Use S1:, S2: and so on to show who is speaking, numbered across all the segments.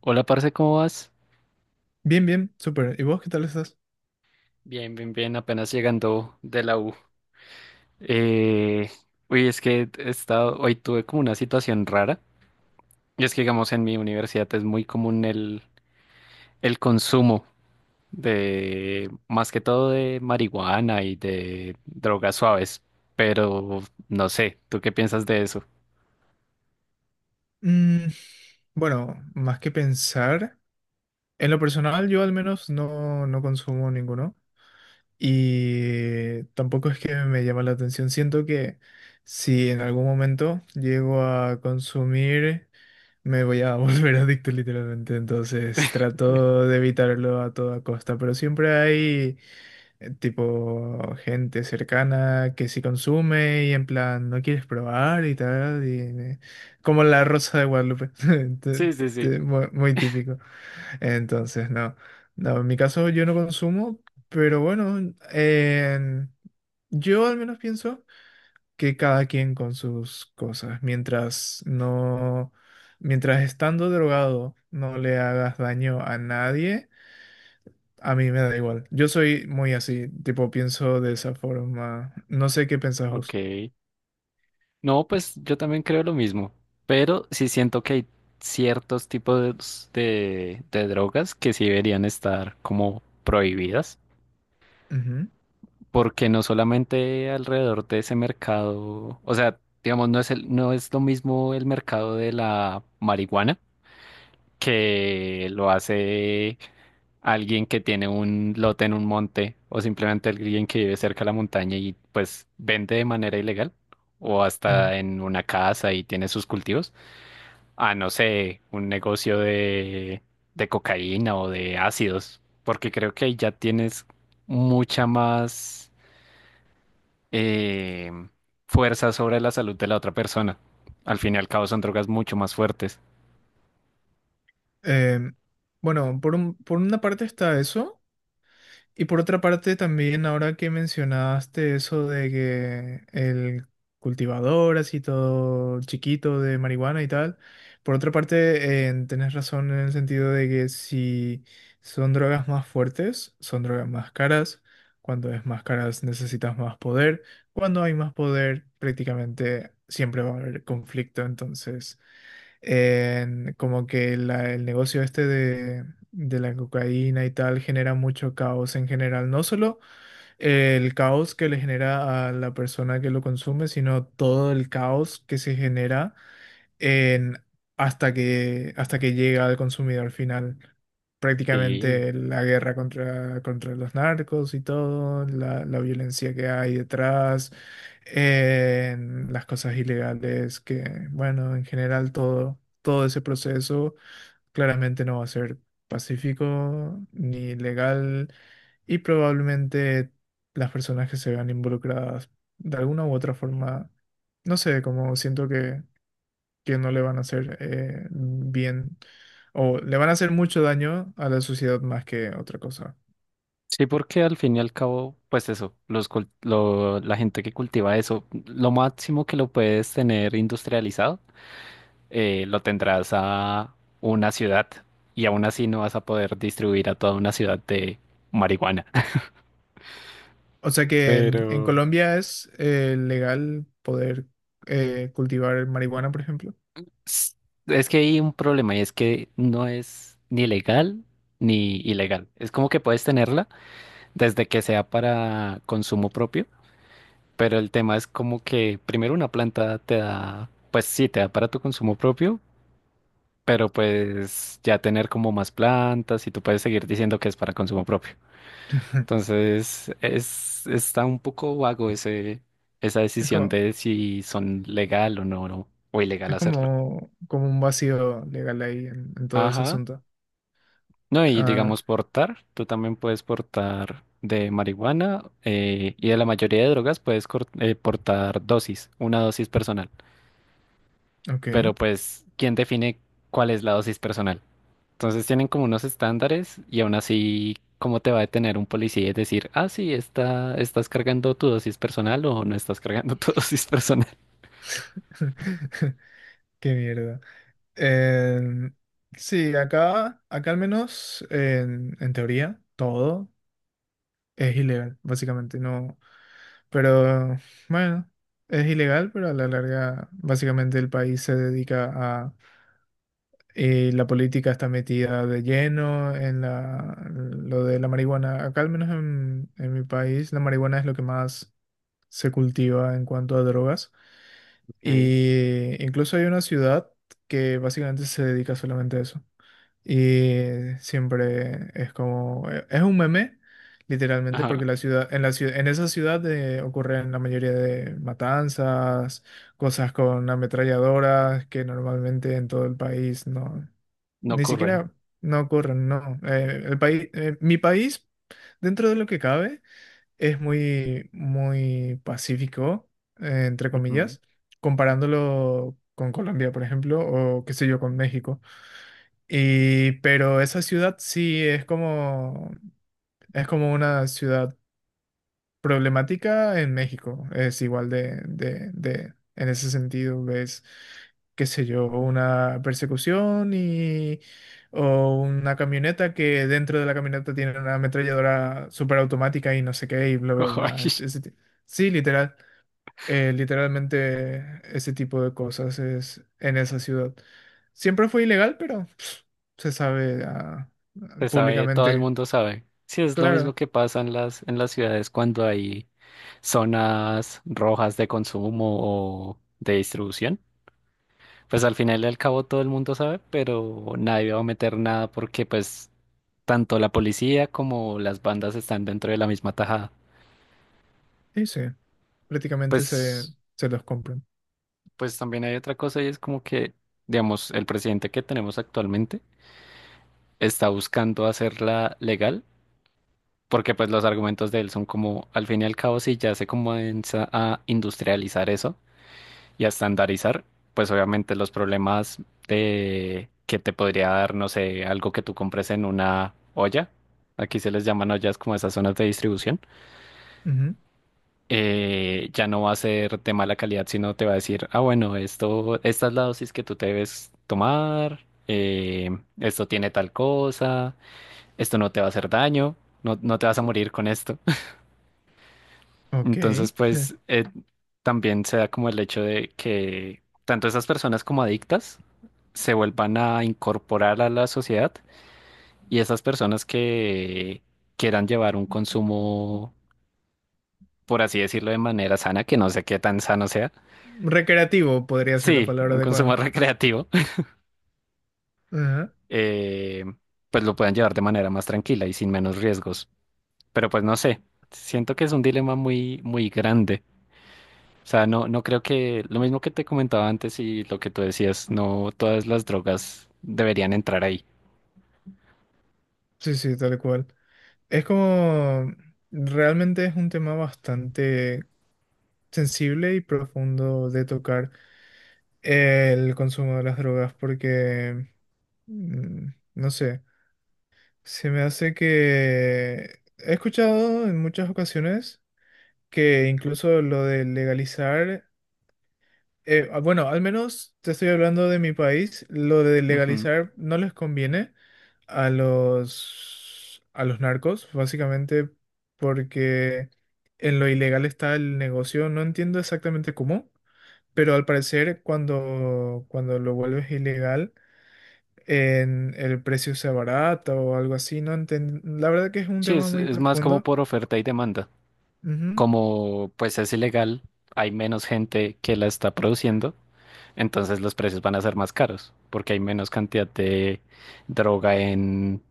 S1: Hola, parce, ¿cómo vas?
S2: Bien, bien, súper. ¿Y vos qué tal estás?
S1: Bien, bien, bien, apenas llegando de la U. Eh, es que he estado, hoy tuve como una situación rara. Y es que, digamos, en mi universidad es muy común el consumo de, más que todo de marihuana y de drogas suaves. Pero no sé, ¿tú qué piensas de eso?
S2: Mm, bueno, más que pensar, en lo personal yo al menos no, no consumo ninguno y tampoco es que me llama la atención. Siento que si en algún momento llego a consumir, me voy a volver adicto literalmente. Entonces trato de evitarlo a toda costa, pero siempre hay... tipo gente cercana que sí consume y en plan no quieres probar y tal, y como la Rosa de Guadalupe, Te-
S1: Sí, sí, sí.
S2: muy típico. Entonces, no, no, en mi caso yo no consumo, pero bueno, en- yo al menos pienso que cada quien con sus cosas, mientras estando drogado no le hagas daño a nadie a mí me da igual. Yo soy muy así, tipo, pienso de esa forma. No sé qué pensás
S1: Ok.
S2: vos.
S1: No, pues yo también creo lo mismo, pero sí siento que hay ciertos tipos de drogas que sí deberían estar como prohibidas,
S2: Ujú,
S1: porque no solamente alrededor de ese mercado, o sea, digamos, no es lo mismo el mercado de la marihuana que lo hace alguien que tiene un lote en un monte o simplemente alguien que vive cerca de la montaña y pues vende de manera ilegal o
S2: ujú.
S1: hasta en una casa y tiene sus cultivos a, no sé, un negocio de cocaína o de ácidos, porque creo que ahí ya tienes mucha más eh, fuerza sobre la salud de la otra persona. Al fin y al cabo son drogas mucho más fuertes.
S2: Em, bueno, por una parte está eso. Y por otra parte, también ahora que mencionaste eso de que el cultivador, así todo chiquito de marihuana y tal, por otra parte, tenés razón en el sentido de que si son drogas más fuertes, son drogas más caras. Cuando es más caras necesitas más poder. Cuando hay más poder, prácticamente siempre va a haber conflicto. Entonces, como que el negocio este de la cocaína y tal genera mucho caos en general. No solo el caos que le genera a la persona que lo consume, sino todo el caos que se genera en- hasta que llega al consumidor final.
S1: Sí.
S2: Prácticamente la guerra contra los narcos y todo, la violencia que hay detrás, en las cosas ilegales, que bueno, en general todo ese proceso claramente no va a ser pacífico ni legal y probablemente las personas que se vean involucradas de alguna u otra forma, no sé, como siento que no le van a hacer bien o le van a hacer mucho daño a la sociedad más que otra cosa.
S1: Sí, porque al fin y al cabo, pues eso, la gente que cultiva eso, lo máximo que lo puedes tener industrializado, lo tendrás a una ciudad y aún así no vas a poder distribuir a toda una ciudad de marihuana.
S2: O sea que en
S1: Pero,
S2: Colombia es legal poder cultivar marihuana, por ejemplo.
S1: S- es que hay un problema y es que no es ni legal ni ilegal. Es como que puedes tenerla desde que sea para consumo propio, pero el tema es como que primero una planta te da, pues sí, te da para tu consumo propio, pero pues ya tener como más plantas y tú puedes seguir diciendo que es para consumo propio. Entonces, es, está un poco vago ese, esa
S2: Es
S1: decisión
S2: como,
S1: de si son legal o no, o ilegal
S2: es
S1: hacerlo.
S2: como, como un vacío legal ahí en todo ese
S1: Ajá.
S2: asunto.
S1: No, y
S2: Ah,
S1: digamos portar, tú también puedes portar de marihuana y de la mayoría de drogas portar dosis, una dosis personal. Pero
S2: ok.
S1: pues, ¿quién define cuál es la dosis personal? Entonces tienen como unos estándares y aún así, ¿cómo te va a detener un policía y decir, ah, sí, está, estás cargando tu dosis personal o no estás cargando tu dosis personal?
S2: Qué mierda. Em, sí, acá al menos en teoría todo es ilegal, básicamente. No, pero bueno, es ilegal, pero a la larga básicamente el país se dedica a... la política está metida de lleno en lo de la marihuana. Acá al menos en mi país la marihuana es lo que más se cultiva en cuanto a drogas.
S1: Ok.
S2: Y incluso hay una ciudad que básicamente se dedica solamente a eso. Y siempre es como, es un meme, literalmente, porque
S1: Ajá,
S2: en esa ciudad ocurren la mayoría de matanzas, cosas con ametralladoras que normalmente en todo el país no,
S1: no
S2: ni
S1: ocurren.
S2: siquiera no ocurren, no. Mi país, dentro de lo que cabe, es muy, muy pacífico, entre
S1: Ujú.
S2: comillas, comparándolo con Colombia, por ejemplo, o qué sé yo, con México. Y pero esa ciudad sí es como una ciudad problemática en México. Es igual de en ese sentido, ves, qué sé yo, una persecución y, o una camioneta que dentro de la camioneta tiene una ametralladora superautomática y no sé qué y bla, bla, bla. Sí, literalmente ese tipo de cosas es en esa ciudad. Siempre fue ilegal, pero pss, se sabe, ah,
S1: Se sabe, todo el
S2: públicamente.
S1: mundo sabe. Sí, es lo mismo
S2: Claro,
S1: que pasa en las ciudades cuando hay zonas rojas de consumo o de distribución. Pues al final y al cabo todo el mundo sabe, pero nadie va a meter nada porque pues tanto la policía como las bandas están dentro de la misma tajada.
S2: sí, sí, prácticamente se,
S1: Pues,
S2: se los compran.
S1: pues también hay otra cosa y es como que, digamos, el presidente que tenemos actualmente está buscando hacerla legal porque pues los argumentos de él son como, al fin y al cabo, si ya se comienza a industrializar eso y a estandarizar, pues obviamente los problemas de que te podría dar, no sé, algo que tú compres en una olla, aquí se les llaman ollas como esas zonas de distribución,
S2: Ujú,
S1: ya no va a ser de mala calidad, sino te va a decir, ah, bueno, esto, esta es la dosis que tú te debes tomar, eh, esto tiene tal cosa, esto no te va a hacer daño, no, no te vas a morir con esto.
S2: ok.
S1: Entonces, también se da como el hecho de que tanto esas personas como adictas se vuelvan a incorporar a la sociedad y esas personas que quieran llevar un consumo, por así decirlo, de manera sana, que no sé qué tan sano sea,
S2: Recreativo podría ser la
S1: sí,
S2: palabra
S1: un consumo
S2: adecuada.
S1: recreativo,
S2: Ajá,
S1: eh, pues lo puedan llevar de manera más tranquila y sin menos riesgos. Pero pues no sé, siento que es un dilema muy, muy grande. O sea, no, no creo que lo mismo que te comentaba antes y lo que tú decías, no todas las drogas deberían entrar ahí.
S2: sí, sí, tal cual. Es como, realmente es un tema bastante sensible y profundo de tocar el consumo de las drogas porque, mm, no sé. Se me hace que he escuchado en muchas ocasiones que incluso lo de legalizar, bueno, al menos te estoy hablando de mi país, lo de
S1: Ujú.
S2: legalizar no les conviene a los narcos, básicamente porque en lo ilegal está el negocio. No entiendo exactamente cómo, pero al parecer cuando lo vuelves ilegal en el precio sea barato o algo así, no enten- La verdad que es un
S1: Sí,
S2: tema muy
S1: es más como
S2: profundo.
S1: por oferta y demanda.
S2: Ujú.
S1: Como pues es ilegal, hay menos gente que la está produciendo, entonces los precios van a ser más caros porque hay menos cantidad de droga en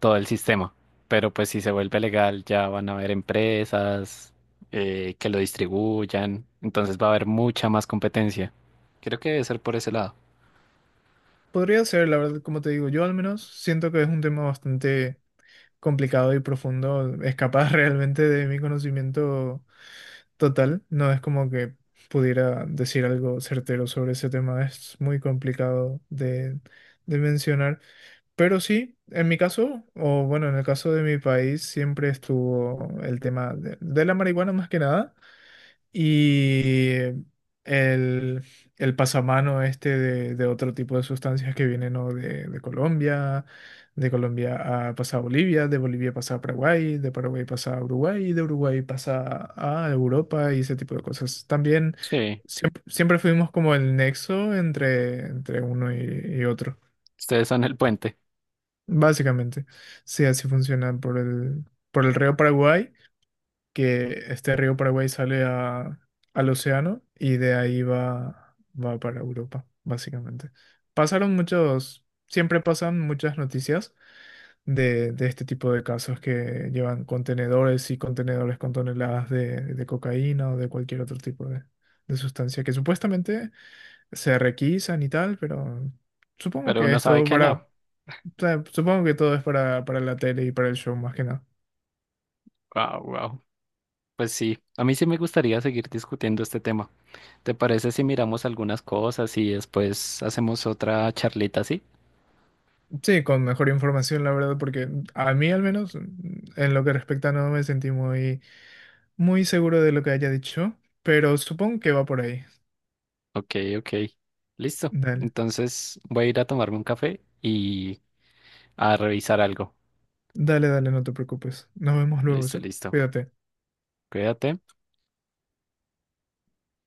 S1: todo el sistema. Pero pues si se vuelve legal ya van a haber empresas que lo distribuyan, entonces va a haber mucha más competencia. Creo que debe ser por ese lado.
S2: Podría ser, la verdad, como te digo, yo al menos siento que es un tema bastante complicado y profundo, escapar realmente de mi conocimiento total. No es como que pudiera decir algo certero sobre ese tema, es muy complicado de mencionar. Pero sí, en mi caso, o bueno, en el caso de mi país, siempre estuvo el tema de la marihuana más que nada. Y el, el pasamano este de otro tipo de sustancias que vienen, ¿no?, de Colombia a, pasa a Bolivia, de Bolivia pasa a Paraguay, de Paraguay pasa a Uruguay, y de Uruguay pasa a Europa y ese tipo de cosas. También
S1: Sí,
S2: siempre, siempre fuimos como el nexo entre uno y otro,
S1: ustedes son el puente,
S2: básicamente. Sí, así funciona por por el río Paraguay que este río Paraguay al océano y de ahí va para Europa, básicamente. Siempre pasan muchas noticias de este tipo de casos que llevan contenedores y contenedores con toneladas de cocaína o de cualquier otro tipo de sustancia que supuestamente se requisan y tal, pero supongo
S1: pero
S2: que
S1: uno
S2: es
S1: sabe
S2: todo
S1: que no.
S2: para, o sea, supongo que todo es para la tele y para el show más que nada.
S1: Wow, wow. Pues sí, a mí sí me gustaría seguir discutiendo este tema. ¿Te parece si miramos algunas cosas y después hacemos otra charlita así?
S2: Sí, con mejor información, la verdad, porque a mí al menos, mm, en lo que respecta, no me sentí muy, muy seguro de lo que haya dicho, pero supongo que va por ahí.
S1: Ok, ok. Listo.
S2: Dale,
S1: Entonces voy a ir a tomarme un café y a revisar algo.
S2: dale, dale, no te preocupes. Nos vemos luego,
S1: Listo,
S2: ¿sí?
S1: listo.
S2: Cuídate.
S1: Cuídate.